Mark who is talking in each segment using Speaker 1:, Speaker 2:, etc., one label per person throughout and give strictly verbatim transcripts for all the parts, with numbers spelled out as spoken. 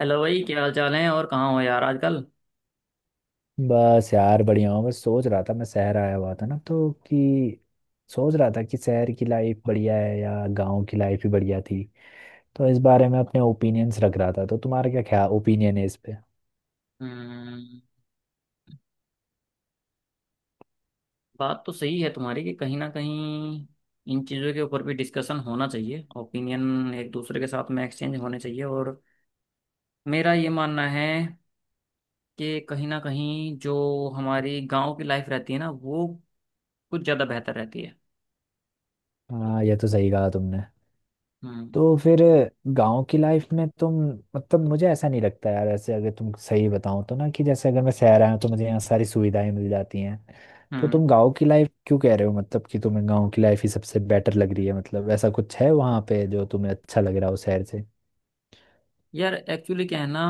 Speaker 1: Hello भाई, क्या हाल चाल है? और कहाँ हो यार आजकल?
Speaker 2: बस यार, बढ़िया हूँ। बस सोच रहा था, मैं शहर आया हुआ था ना तो कि सोच रहा था कि शहर की लाइफ बढ़िया है या गांव की लाइफ ही बढ़िया थी, तो इस बारे में अपने ओपिनियंस रख रहा था। तो तुम्हारा क्या क्या ओपिनियन है इस पे?
Speaker 1: हम्म, बात तो सही है तुम्हारी कि कहीं ना कहीं इन चीज़ों के ऊपर भी डिस्कशन होना चाहिए। ओपिनियन एक दूसरे के साथ में एक्सचेंज होने चाहिए। और मेरा ये मानना है कि कहीं ना कहीं जो हमारी गांव की लाइफ रहती है ना, वो कुछ ज़्यादा बेहतर रहती है।
Speaker 2: हाँ, ये तो सही कहा तुमने।
Speaker 1: हम्म।
Speaker 2: तो फिर गांव की लाइफ में तुम, मतलब मुझे ऐसा नहीं लगता यार, ऐसे अगर तुम सही बताओ तो ना, कि जैसे अगर मैं शहर आया हूँ तो मुझे यहाँ सारी सुविधाएं मिल जाती हैं। तो
Speaker 1: हम्म।
Speaker 2: तुम गांव की लाइफ क्यों कह रहे हो? मतलब कि तुम्हें गांव की लाइफ ही सबसे बेटर लग रही है, मतलब ऐसा कुछ है वहां पे जो तुम्हें अच्छा लग रहा हो शहर से?
Speaker 1: यार एक्चुअली क्या है ना,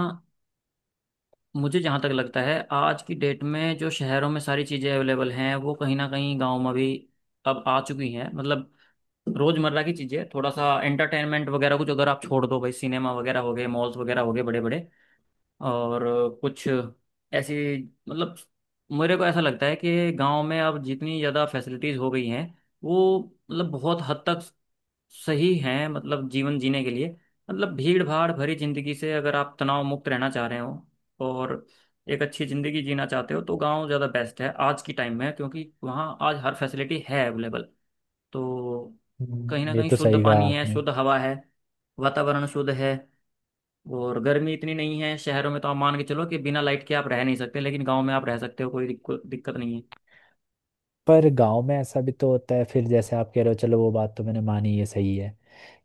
Speaker 1: मुझे जहाँ तक लगता है आज की डेट में जो शहरों में सारी चीज़ें अवेलेबल हैं वो कहीं ना कहीं गाँव में भी अब आ चुकी हैं। मतलब रोजमर्रा की चीजें, थोड़ा सा एंटरटेनमेंट वगैरह, कुछ अगर आप छोड़ दो भाई, सिनेमा वगैरह हो गए, मॉल्स वगैरह हो गए बड़े बड़े। और कुछ ऐसी, मतलब मेरे को ऐसा लगता है कि गांव में अब जितनी ज़्यादा फैसिलिटीज़ हो गई हैं, वो मतलब बहुत हद तक सही हैं, मतलब जीवन जीने के लिए। मतलब भीड़ भाड़ भरी जिंदगी से अगर आप तनाव मुक्त रहना चाह रहे हो और एक अच्छी ज़िंदगी जीना चाहते हो, तो गांव ज़्यादा बेस्ट है आज की टाइम में, क्योंकि वहाँ आज हर फैसिलिटी है अवेलेबल। तो कहीं
Speaker 2: हम्म,
Speaker 1: ना
Speaker 2: ये
Speaker 1: कहीं
Speaker 2: तो
Speaker 1: शुद्ध
Speaker 2: सही कहा
Speaker 1: पानी है,
Speaker 2: आपने।
Speaker 1: शुद्ध हवा है, वातावरण शुद्ध है। और गर्मी इतनी नहीं है। शहरों में तो आप मान के चलो कि बिना लाइट के आप रह नहीं सकते, लेकिन गांव में आप रह सकते हो, कोई दिक्कत दिक्कत नहीं है।
Speaker 2: पर गांव में ऐसा भी तो होता है फिर, जैसे आप कह रहे हो, चलो वो बात तो मैंने मानी, ये सही है,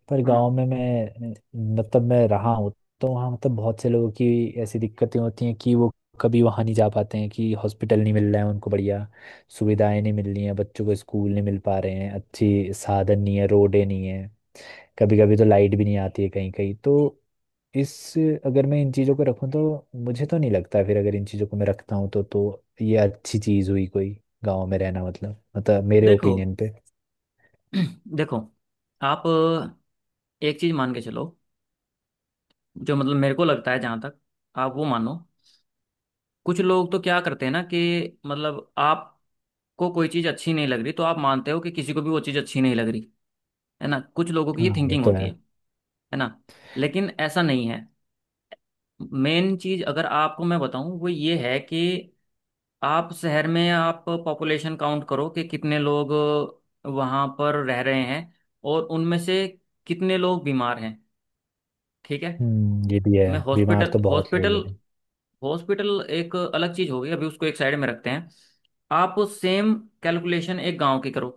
Speaker 2: पर गांव
Speaker 1: हम्म।
Speaker 2: में मैं, मतलब मैं रहा हूँ तो वहाँ, मतलब बहुत से लोगों की ऐसी दिक्कतें होती हैं कि वो कभी वहाँ नहीं जा पाते हैं, कि हॉस्पिटल नहीं मिल रहा है उनको, बढ़िया सुविधाएं नहीं मिल रही हैं, बच्चों को स्कूल नहीं मिल पा रहे हैं, अच्छी साधन नहीं है, रोडें नहीं है, कभी कभी तो लाइट भी नहीं आती है कहीं कहीं तो। इस अगर मैं इन चीज़ों को रखूं तो मुझे तो नहीं लगता फिर, अगर इन चीज़ों को मैं रखता हूँ तो तो ये अच्छी चीज़ हुई कोई, गांव में रहना, मतलब मतलब मेरे
Speaker 1: देखो,
Speaker 2: ओपिनियन पे।
Speaker 1: देखो आप एक चीज मान के चलो, जो मतलब मेरे को लगता है, जहां तक आप वो मानो, कुछ लोग तो क्या करते हैं ना, कि मतलब आपको कोई चीज अच्छी नहीं लग रही तो आप मानते हो कि किसी को भी वो चीज अच्छी नहीं लग रही। है ना, कुछ लोगों की ये
Speaker 2: हाँ, ये
Speaker 1: थिंकिंग
Speaker 2: तो
Speaker 1: होती
Speaker 2: है।
Speaker 1: है। है ना? लेकिन ऐसा नहीं है। मेन चीज अगर आपको मैं बताऊं वो ये है कि आप शहर में आप पॉपुलेशन काउंट करो कि कितने लोग वहां पर रह रहे हैं और उनमें से कितने लोग बीमार हैं। ठीक है?
Speaker 2: हम्म, ये भी है।
Speaker 1: मैं
Speaker 2: बीमार
Speaker 1: हॉस्पिटल,
Speaker 2: तो बहुत लोग
Speaker 1: हॉस्पिटल,
Speaker 2: हैं।
Speaker 1: हॉस्पिटल एक अलग चीज हो गई, अभी उसको एक साइड में रखते हैं। आप सेम कैलकुलेशन एक गांव की करो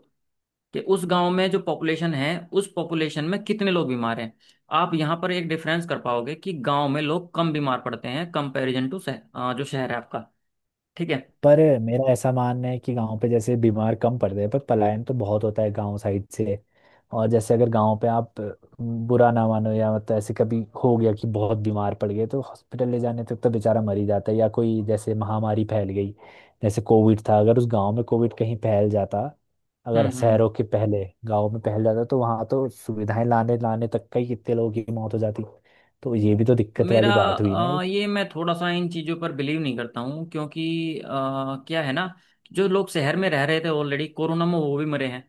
Speaker 1: कि उस गांव में जो पॉपुलेशन है, उस पॉपुलेशन में कितने लोग बीमार हैं। आप यहाँ पर एक डिफरेंस कर पाओगे कि गांव में लोग कम बीमार पड़ते हैं कंपैरिजन टू शह, अ, जो शहर है आपका। ठीक है?
Speaker 2: पर मेरा ऐसा मानना है कि गांव पे जैसे बीमार कम पड़ते हैं, पर पलायन तो बहुत होता है गांव साइड से। और जैसे अगर गांव पे आप, अ, बुरा ना मानो या मतलब ऐसे कभी हो गया कि बहुत बीमार पड़ गए, तो हॉस्पिटल ले जाने तक तो बेचारा मर ही जाता है, या कोई जैसे महामारी फैल गई, जैसे कोविड था। अगर उस गांव में कोविड कहीं फैल जाता, अगर
Speaker 1: हम्म। हम्म।
Speaker 2: शहरों के पहले गांव में फैल जाता, तो वहां तो सुविधाएं लाने लाने तक का ही कितने लोगों की मौत हो जाती। तो ये भी तो दिक्कत
Speaker 1: मेरा
Speaker 2: वाली बात हुई ना
Speaker 1: अ,
Speaker 2: एक।
Speaker 1: ये मैं थोड़ा सा इन चीज़ों पर बिलीव नहीं करता हूँ, क्योंकि अ, क्या है ना, जो लोग शहर में रह रहे थे ऑलरेडी कोरोना में वो भी मरे हैं।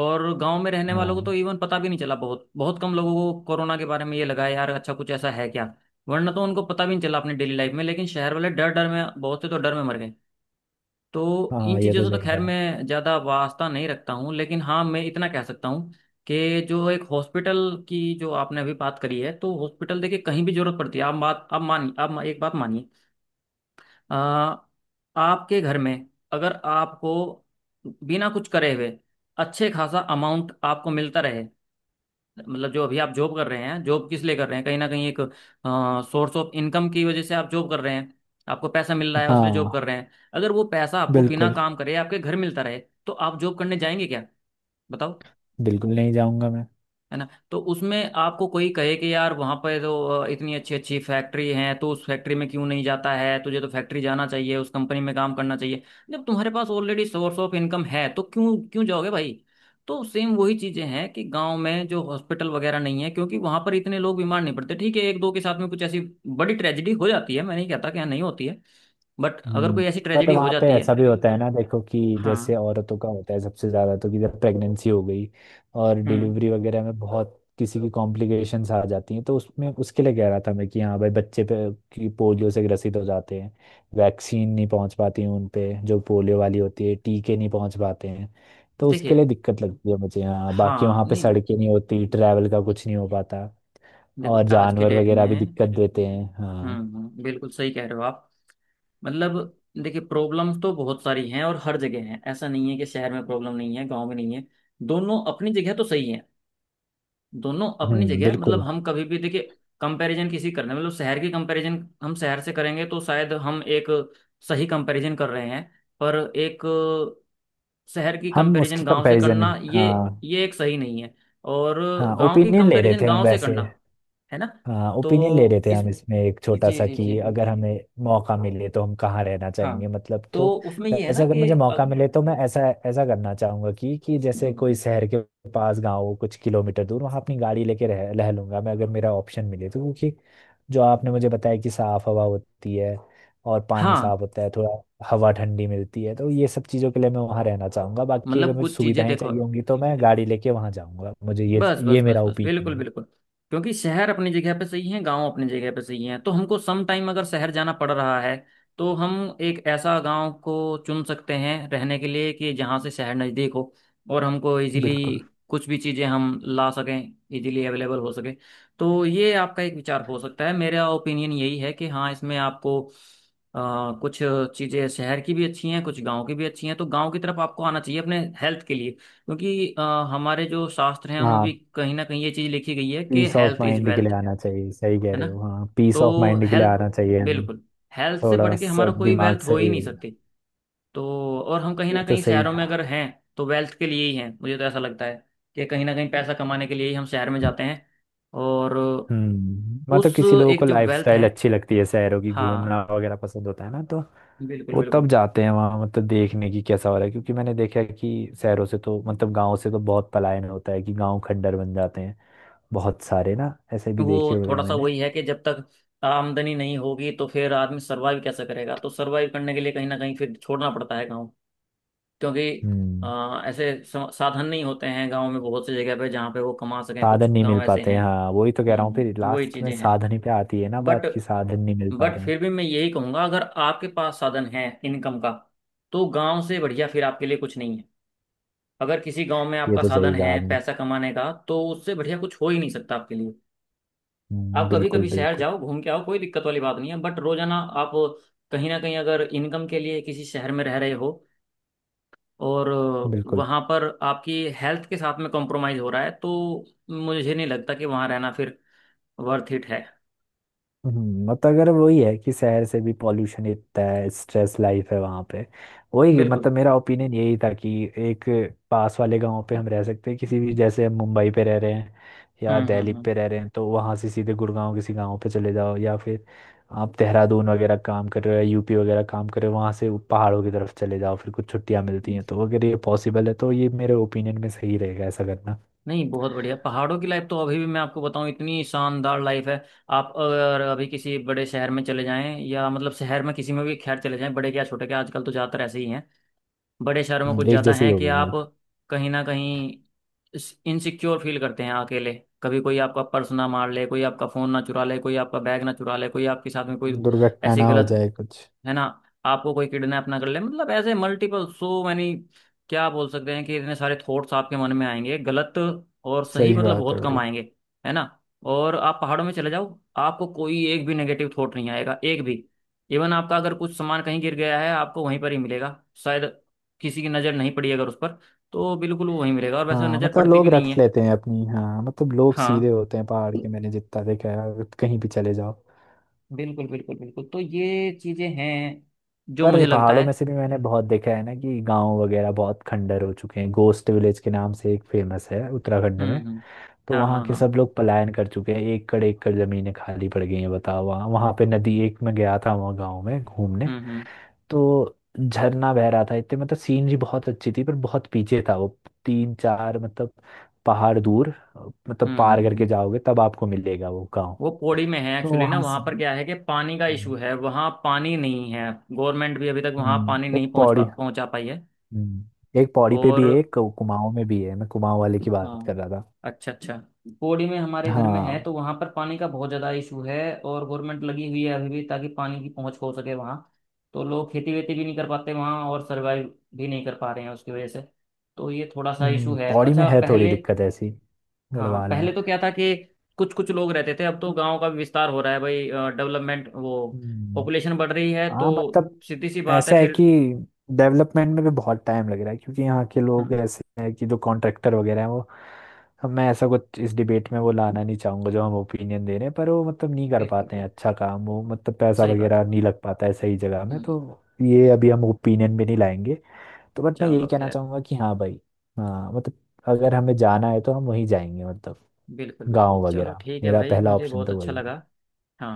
Speaker 1: और गांव में रहने वालों को
Speaker 2: हाँ।
Speaker 1: तो इवन पता भी नहीं चला। बहुत बहुत कम लोगों को कोरोना के बारे में ये लगा है, यार अच्छा कुछ ऐसा है क्या। वरना तो उनको पता भी नहीं चला अपने डेली लाइफ में। लेकिन शहर वाले डर डर में, बहुत से तो डर में मर गए। तो इन
Speaker 2: हाँ, ये
Speaker 1: चीज़ों
Speaker 2: तो
Speaker 1: से तो
Speaker 2: सही
Speaker 1: खैर
Speaker 2: कहा।
Speaker 1: मैं ज़्यादा वास्ता नहीं रखता हूँ, लेकिन हाँ मैं इतना कह सकता हूँ कि जो एक हॉस्पिटल की जो आपने अभी बात करी है, तो हॉस्पिटल देखिए कहीं भी जरूरत पड़ती है। आप बात, आप मानिए, आप एक बात मानिए, अ, आपके घर में अगर आपको बिना कुछ करे हुए अच्छे खासा अमाउंट आपको मिलता रहे, मतलब जो अभी आप जॉब कर रहे हैं, जॉब किस लिए कर रहे हैं? कहीं ना कहीं एक सोर्स ऑफ इनकम की वजह से आप जॉब कर रहे हैं। आपको पैसा मिल रहा है इसलिए जॉब कर
Speaker 2: हाँ,
Speaker 1: रहे हैं। अगर वो पैसा आपको बिना
Speaker 2: बिल्कुल।
Speaker 1: काम करे आपके घर मिलता रहे तो आप जॉब करने जाएंगे क्या? बताओ।
Speaker 2: बिल्कुल नहीं जाऊंगा मैं।
Speaker 1: है ना? तो उसमें आपको कोई कहे कि यार वहां पर तो अ, इतनी अच्छी अच्छी फैक्ट्री हैं, तो उस फैक्ट्री में क्यों नहीं जाता है, तुझे तो फैक्ट्री जाना चाहिए, उस कंपनी में काम करना चाहिए। जब तुम्हारे पास ऑलरेडी सोर्स ऑफ इनकम है तो क्यों क्यों जाओगे भाई? तो सेम वही चीजें हैं कि गांव में जो हॉस्पिटल वगैरह नहीं है, क्योंकि वहां पर इतने लोग बीमार नहीं पड़ते। ठीक है, एक दो के साथ में कुछ ऐसी बड़ी ट्रेजेडी हो जाती है, मैं नहीं कहता कि यहाँ नहीं होती है, बट अगर
Speaker 2: हम्म।
Speaker 1: कोई ऐसी
Speaker 2: पर
Speaker 1: ट्रेजेडी हो
Speaker 2: वहाँ पे
Speaker 1: जाती है।
Speaker 2: ऐसा भी होता है ना, देखो कि जैसे
Speaker 1: हाँ।
Speaker 2: औरतों का होता है सबसे ज़्यादा, तो कि जब प्रेगनेंसी हो गई और
Speaker 1: हम्म।
Speaker 2: डिलीवरी वगैरह में बहुत किसी की कॉम्प्लिकेशंस आ जाती हैं, तो उसमें, उसके लिए कह रहा था मैं, कि हाँ भाई, बच्चे पे कि पोलियो से ग्रसित हो जाते हैं, वैक्सीन नहीं पहुँच पाती हैं उन पे, जो पोलियो वाली होती है टीके नहीं पहुँच पाते हैं। तो उसके
Speaker 1: देखिए,
Speaker 2: लिए दिक्कत लगती है मुझे, हाँ। बाकी
Speaker 1: हाँ
Speaker 2: वहाँ पे
Speaker 1: नहीं,
Speaker 2: सड़कें नहीं होती, ट्रैवल का कुछ नहीं हो पाता,
Speaker 1: देखो
Speaker 2: और
Speaker 1: आज के
Speaker 2: जानवर
Speaker 1: डेट
Speaker 2: वगैरह भी
Speaker 1: में।
Speaker 2: दिक्कत देते हैं, हाँ।
Speaker 1: हम्म। हम्म, बिल्कुल सही कह रहे हो आप। मतलब देखिए प्रॉब्लम्स तो बहुत सारी हैं और हर जगह हैं, ऐसा नहीं है कि शहर में प्रॉब्लम नहीं है, गांव में नहीं है। दोनों अपनी जगह तो सही है। दोनों अपनी
Speaker 2: हम्म,
Speaker 1: जगह, मतलब
Speaker 2: बिल्कुल।
Speaker 1: हम कभी भी देखिए, कंपैरिजन किसी करने मतलब शहर की कंपैरिजन हम शहर से करेंगे तो शायद हम एक सही कंपैरिजन कर रहे हैं। पर एक शहर की
Speaker 2: हम
Speaker 1: कंपैरिजन
Speaker 2: उसकी
Speaker 1: गांव से
Speaker 2: कंपैरिजन,
Speaker 1: करना, ये
Speaker 2: हाँ।
Speaker 1: ये एक सही नहीं है। और
Speaker 2: हाँ,
Speaker 1: गांव की
Speaker 2: ओपिनियन ले रहे
Speaker 1: कंपैरिजन
Speaker 2: थे हम
Speaker 1: गांव से
Speaker 2: वैसे।
Speaker 1: करना। है ना?
Speaker 2: हाँ, ओपिनियन ले रहे
Speaker 1: तो
Speaker 2: थे
Speaker 1: इस,
Speaker 2: हम, इसमें एक छोटा
Speaker 1: जी
Speaker 2: सा
Speaker 1: जी जी,
Speaker 2: कि अगर हमें मौका मिले तो हम कहाँ रहना
Speaker 1: हाँ।
Speaker 2: चाहेंगे, मतलब।
Speaker 1: तो
Speaker 2: तो
Speaker 1: उसमें ये है ना
Speaker 2: वैसे अगर
Speaker 1: कि
Speaker 2: मुझे मौका
Speaker 1: अ,
Speaker 2: मिले तो मैं ऐसा, ऐसा करना चाहूंगा कि कि जैसे कोई
Speaker 1: हम्म,
Speaker 2: शहर के पास गाँव हो, कुछ किलोमीटर दूर, वहाँ अपनी गाड़ी लेके रह रह लूंगा मैं, अगर मेरा ऑप्शन मिले तो। क्योंकि जो आपने मुझे बताया कि साफ हवा होती है और पानी
Speaker 1: हाँ,
Speaker 2: साफ होता है थोड़ा, हवा ठंडी मिलती है, तो ये सब चीज़ों के लिए मैं वहाँ रहना चाहूंगा। बाकी अगर
Speaker 1: मतलब
Speaker 2: मुझे
Speaker 1: कुछ चीजें
Speaker 2: सुविधाएं
Speaker 1: देखो,
Speaker 2: चाहिए होंगी तो मैं गाड़ी लेके वहाँ जाऊंगा, मुझे ये
Speaker 1: बस बस
Speaker 2: ये
Speaker 1: बस
Speaker 2: मेरा
Speaker 1: बस,
Speaker 2: ओपिनियन
Speaker 1: बिल्कुल
Speaker 2: है।
Speaker 1: बिल्कुल। क्योंकि शहर अपनी जगह पे सही है, गांव अपनी जगह पे सही है, तो हमको सम टाइम अगर शहर जाना पड़ रहा है, तो हम एक ऐसा गांव को चुन सकते हैं रहने के लिए कि जहां से शहर नज़दीक हो और हमको इजीली
Speaker 2: बिल्कुल।
Speaker 1: कुछ भी चीज़ें हम ला सकें, इजीली अवेलेबल हो सके। तो ये आपका एक विचार हो सकता है। मेरा ओपिनियन यही है कि हाँ, इसमें आपको अ, कुछ चीज़ें शहर की भी अच्छी हैं, कुछ गांव की भी अच्छी हैं, तो गांव की तरफ आपको आना चाहिए अपने हेल्थ के लिए। क्योंकि अ, हमारे जो शास्त्र हैं उनमें भी
Speaker 2: हाँ,
Speaker 1: कहीं ना कहीं ये चीज लिखी गई है कि
Speaker 2: peace of
Speaker 1: health is
Speaker 2: mind के लिए
Speaker 1: वेल्थ।
Speaker 2: आना चाहिए, सही कह
Speaker 1: है ना?
Speaker 2: रहे हो, हाँ, पीस ऑफ
Speaker 1: तो
Speaker 2: माइंड के लिए
Speaker 1: हेल्थ,
Speaker 2: आना चाहिए हमें,
Speaker 1: बिल्कुल, हेल्थ से
Speaker 2: थोड़ा
Speaker 1: बढ़ के
Speaker 2: सा
Speaker 1: हमारा कोई
Speaker 2: दिमाग
Speaker 1: वेल्थ हो ही
Speaker 2: सही
Speaker 1: नहीं
Speaker 2: हो जाए।
Speaker 1: सकती। तो और हम कहीं ना
Speaker 2: ये तो
Speaker 1: कहीं
Speaker 2: सही
Speaker 1: शहरों में
Speaker 2: कहा।
Speaker 1: अगर हैं तो वेल्थ के लिए ही हैं, मुझे तो ऐसा लगता है कि कहीं ना कहीं पैसा कमाने के लिए ही हम शहर में जाते हैं। और
Speaker 2: हम्म मतलब
Speaker 1: उस,
Speaker 2: किसी लोगों
Speaker 1: एक
Speaker 2: को
Speaker 1: जो वेल्थ
Speaker 2: लाइफस्टाइल
Speaker 1: है,
Speaker 2: अच्छी लगती है शहरों की,
Speaker 1: हाँ,
Speaker 2: घूमना वगैरह पसंद होता है ना, तो
Speaker 1: बिल्कुल
Speaker 2: वो
Speaker 1: बिल्कुल।
Speaker 2: तब जाते हैं वहाँ, मतलब देखने की कैसा हो रहा है, क्योंकि मैंने देखा है कि शहरों से तो, मतलब गाँव से तो बहुत पलायन होता है, कि गाँव खंडर बन जाते हैं बहुत सारे ना, ऐसे भी देखे
Speaker 1: वो
Speaker 2: हुए हैं
Speaker 1: थोड़ा सा
Speaker 2: मैंने।
Speaker 1: वही है कि जब तक आमदनी नहीं होगी तो फिर आदमी सरवाइव कैसे करेगा? तो सरवाइव करने के लिए कहीं ना कहीं फिर छोड़ना पड़ता है गाँव, क्योंकि
Speaker 2: हम्म
Speaker 1: अ, ऐसे सा- साधन नहीं होते हैं गांव में बहुत सी जगह पे, जहाँ पे वो कमा सकें। कुछ
Speaker 2: साधन नहीं मिल
Speaker 1: गांव ऐसे
Speaker 2: पाते
Speaker 1: हैं।
Speaker 2: हैं, हाँ, वही तो कह रहा हूँ, फिर
Speaker 1: हम्म, वही
Speaker 2: लास्ट में
Speaker 1: चीजें हैं।
Speaker 2: साधन ही पे आती है ना बात,
Speaker 1: बट
Speaker 2: की साधन नहीं मिल पा
Speaker 1: बट
Speaker 2: रहे हैं।
Speaker 1: फिर भी मैं यही कहूंगा, अगर आपके पास साधन है इनकम का, तो गांव से बढ़िया फिर आपके लिए कुछ नहीं है। अगर किसी गांव में
Speaker 2: ये
Speaker 1: आपका
Speaker 2: तो
Speaker 1: साधन
Speaker 2: सही कहा
Speaker 1: है
Speaker 2: आपने।
Speaker 1: पैसा कमाने का, तो उससे बढ़िया कुछ हो ही नहीं सकता आपके लिए।
Speaker 2: हम्म,
Speaker 1: आप कभी
Speaker 2: बिल्कुल
Speaker 1: कभी शहर
Speaker 2: बिल्कुल
Speaker 1: जाओ, घूम के आओ, कोई दिक्कत वाली बात नहीं है, बट रोजाना आप कहीं ना कहीं अगर इनकम के लिए किसी शहर में रह रहे हो और
Speaker 2: बिल्कुल।
Speaker 1: वहाँ पर आपकी हेल्थ के साथ में कॉम्प्रोमाइज़ हो रहा है, तो मुझे नहीं लगता कि वहाँ रहना फिर वर्थ इट है।
Speaker 2: हम्म, मतलब अगर वही है कि शहर से भी पॉल्यूशन इतना है, स्ट्रेस लाइफ है वहाँ पे, वही,
Speaker 1: बिल्कुल।
Speaker 2: मतलब मेरा ओपिनियन यही था कि एक पास वाले गांव पे हम रह सकते हैं, किसी भी, जैसे हम मुंबई पे रह रहे हैं या
Speaker 1: हम्म
Speaker 2: दिल्ली
Speaker 1: हम्म हम्म।
Speaker 2: पे रह रहे हैं तो वहाँ से सीधे गुड़गांव किसी गांव पे चले जाओ, या फिर आप देहरादून वगैरह काम कर रहे हो या यूपी वगैरह काम कर रहे हो, वहाँ से वो पहाड़ों की तरफ चले जाओ, फिर कुछ छुट्टियाँ मिलती हैं तो। अगर ये पॉसिबल है तो ये मेरे ओपिनियन में सही रहेगा ऐसा करना।
Speaker 1: नहीं, बहुत बढ़िया। पहाड़ों की लाइफ तो अभी भी मैं आपको बताऊं इतनी शानदार लाइफ है। आप अगर अभी किसी बड़े शहर में चले जाएं, या मतलब शहर में किसी में भी खैर चले जाएं, बड़े क्या छोटे क्या, आजकल तो ज़्यादातर ऐसे ही हैं, बड़े शहरों में
Speaker 2: हम्म,
Speaker 1: कुछ
Speaker 2: एक
Speaker 1: ज़्यादा
Speaker 2: जैसे ही
Speaker 1: हैं
Speaker 2: हो
Speaker 1: कि
Speaker 2: गए हैं।
Speaker 1: आप कहीं ना कहीं इनसिक्योर फील करते हैं अकेले। कभी कोई आपका पर्स ना मार ले, कोई आपका फ़ोन ना चुरा ले, कोई आपका बैग ना चुरा ले, कोई आपके साथ में कोई
Speaker 2: दुर्घटना
Speaker 1: ऐसी
Speaker 2: ना हो
Speaker 1: गलत,
Speaker 2: जाए कुछ।
Speaker 1: है ना, आपको कोई किडनैप ना कर ले, मतलब ऐसे मल्टीपल, सो मैनी क्या बोल सकते हैं, कि इतने सारे थॉट्स आपके मन में आएंगे गलत। और सही
Speaker 2: सही
Speaker 1: मतलब
Speaker 2: बात
Speaker 1: बहुत
Speaker 2: है
Speaker 1: कम
Speaker 2: भाई।
Speaker 1: आएंगे। है ना? और आप पहाड़ों में चले जाओ, आपको कोई एक भी नेगेटिव थॉट नहीं आएगा, एक भी। इवन आपका अगर कुछ सामान कहीं गिर गया है, आपको वहीं पर ही मिलेगा शायद, किसी की नज़र नहीं पड़ी अगर उस पर, तो बिल्कुल वो वहीं मिलेगा, और वैसे
Speaker 2: हाँ,
Speaker 1: नज़र
Speaker 2: मतलब
Speaker 1: पड़ती भी
Speaker 2: लोग
Speaker 1: नहीं
Speaker 2: रख
Speaker 1: है।
Speaker 2: लेते हैं अपनी, हाँ, मतलब लोग
Speaker 1: हाँ,
Speaker 2: सीधे होते हैं पहाड़ के, मैंने जितना देखा है अगर कहीं भी चले जाओ।
Speaker 1: बिल्कुल बिल्कुल बिल्कुल। तो ये चीज़ें हैं जो मुझे
Speaker 2: पर
Speaker 1: लगता
Speaker 2: पहाड़ों
Speaker 1: है।
Speaker 2: में से भी मैंने बहुत देखा है ना कि गांव वगैरह बहुत खंडर हो चुके हैं, गोस्ट विलेज के नाम से एक फेमस है उत्तराखंड
Speaker 1: हम्म
Speaker 2: में।
Speaker 1: हम्म।
Speaker 2: तो
Speaker 1: हाँ
Speaker 2: वहाँ
Speaker 1: हाँ
Speaker 2: के
Speaker 1: हाँ।
Speaker 2: सब लोग पलायन कर चुके हैं, एकड़ एकड़ जमीनें खाली पड़ गई हैं, बताओ, वहाँ वहाँ पे नदी, एक में गया था वहाँ गाँव में घूमने,
Speaker 1: हम्म हम्म
Speaker 2: तो झरना बह रहा था, इतने, मतलब सीनरी बहुत अच्छी थी, पर बहुत पीछे था वो, तीन चार, मतलब पहाड़ दूर, मतलब
Speaker 1: हम्म। हम्म
Speaker 2: पार करके
Speaker 1: हम्म।
Speaker 2: जाओगे तब आपको मिलेगा वो गांव।
Speaker 1: वो पौड़ी में है
Speaker 2: तो
Speaker 1: एक्चुअली ना,
Speaker 2: वहां
Speaker 1: वहां
Speaker 2: से।
Speaker 1: पर क्या है कि पानी का इशू
Speaker 2: हम्म,
Speaker 1: है, वहां पानी नहीं है। गवर्नमेंट भी अभी तक वहां
Speaker 2: हम्म,
Speaker 1: पानी
Speaker 2: एक
Speaker 1: नहीं पहुंच
Speaker 2: पौड़ी,
Speaker 1: पा- पहुंचा पाई है।
Speaker 2: हम्म, एक पौड़ी पे
Speaker 1: और
Speaker 2: भी है, एक कुमाऊं में भी है, मैं कुमाऊं वाले की बात
Speaker 1: हाँ,
Speaker 2: कर रहा था।
Speaker 1: अच्छा अच्छा। पौड़ी में हमारे घर में है,
Speaker 2: हाँ।
Speaker 1: तो वहां पर पानी का बहुत ज्यादा इशू है। और गवर्नमेंट लगी हुई है अभी भी ताकि पानी की पहुंच हो सके वहां। तो लोग खेती वेती भी नहीं कर पाते वहां, और सरवाइव भी नहीं कर पा रहे हैं उसकी वजह से। तो ये थोड़ा सा इशू
Speaker 2: हम्म,
Speaker 1: है।
Speaker 2: पौड़ी में
Speaker 1: अच्छा,
Speaker 2: है थोड़ी
Speaker 1: पहले,
Speaker 2: दिक्कत ऐसी,
Speaker 1: हाँ
Speaker 2: गढ़वाल में।
Speaker 1: पहले तो क्या था कि कुछ कुछ लोग रहते थे, अब तो गांव का भी विस्तार हो रहा है भाई, डेवलपमेंट वो,
Speaker 2: हम्म।
Speaker 1: पॉपुलेशन बढ़ रही है, तो
Speaker 2: हाँ, मतलब
Speaker 1: सीधी सी बात है
Speaker 2: ऐसा है
Speaker 1: फिर।
Speaker 2: कि डेवलपमेंट में भी बहुत टाइम लग रहा है, क्योंकि यहाँ के लोग
Speaker 1: हम्म,
Speaker 2: ऐसे हैं कि जो कॉन्ट्रैक्टर वगैरह हैं वो, अब मैं ऐसा कुछ इस डिबेट में वो लाना नहीं चाहूंगा जो हम ओपिनियन दे रहे हैं, पर वो मतलब नहीं कर
Speaker 1: बिल्कुल
Speaker 2: पाते हैं
Speaker 1: बिल्कुल।
Speaker 2: अच्छा काम, वो मतलब पैसा
Speaker 1: सही बात
Speaker 2: वगैरह
Speaker 1: है।
Speaker 2: नहीं लग पाता है सही जगह में
Speaker 1: हम्म,
Speaker 2: तो। ये अभी हम ओपिनियन भी नहीं लाएंगे। तो बट मैं यही
Speaker 1: चलो
Speaker 2: कहना
Speaker 1: खैर।
Speaker 2: चाहूंगा कि हाँ भाई, हाँ, मतलब अगर हमें जाना है तो हम वहीं जाएंगे, मतलब
Speaker 1: बिल्कुल बिल्कुल,
Speaker 2: गाँव
Speaker 1: चलो
Speaker 2: वगैरह
Speaker 1: ठीक है
Speaker 2: मेरा
Speaker 1: भाई,
Speaker 2: पहला
Speaker 1: मुझे
Speaker 2: ऑप्शन
Speaker 1: बहुत
Speaker 2: तो
Speaker 1: अच्छा
Speaker 2: वही।
Speaker 1: लगा। हाँ,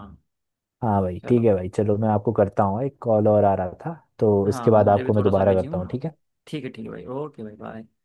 Speaker 2: हाँ भाई, ठीक
Speaker 1: चलो।
Speaker 2: है भाई, चलो, मैं आपको करता हूँ, एक कॉल और आ रहा था, तो इसके
Speaker 1: हाँ,
Speaker 2: बाद
Speaker 1: मुझे भी
Speaker 2: आपको मैं
Speaker 1: थोड़ा सा
Speaker 2: दोबारा
Speaker 1: बिजी
Speaker 2: करता हूँ,
Speaker 1: हूँ।
Speaker 2: ठीक है।
Speaker 1: ठीक है, ठीक है भाई, ओके भाई, बाय।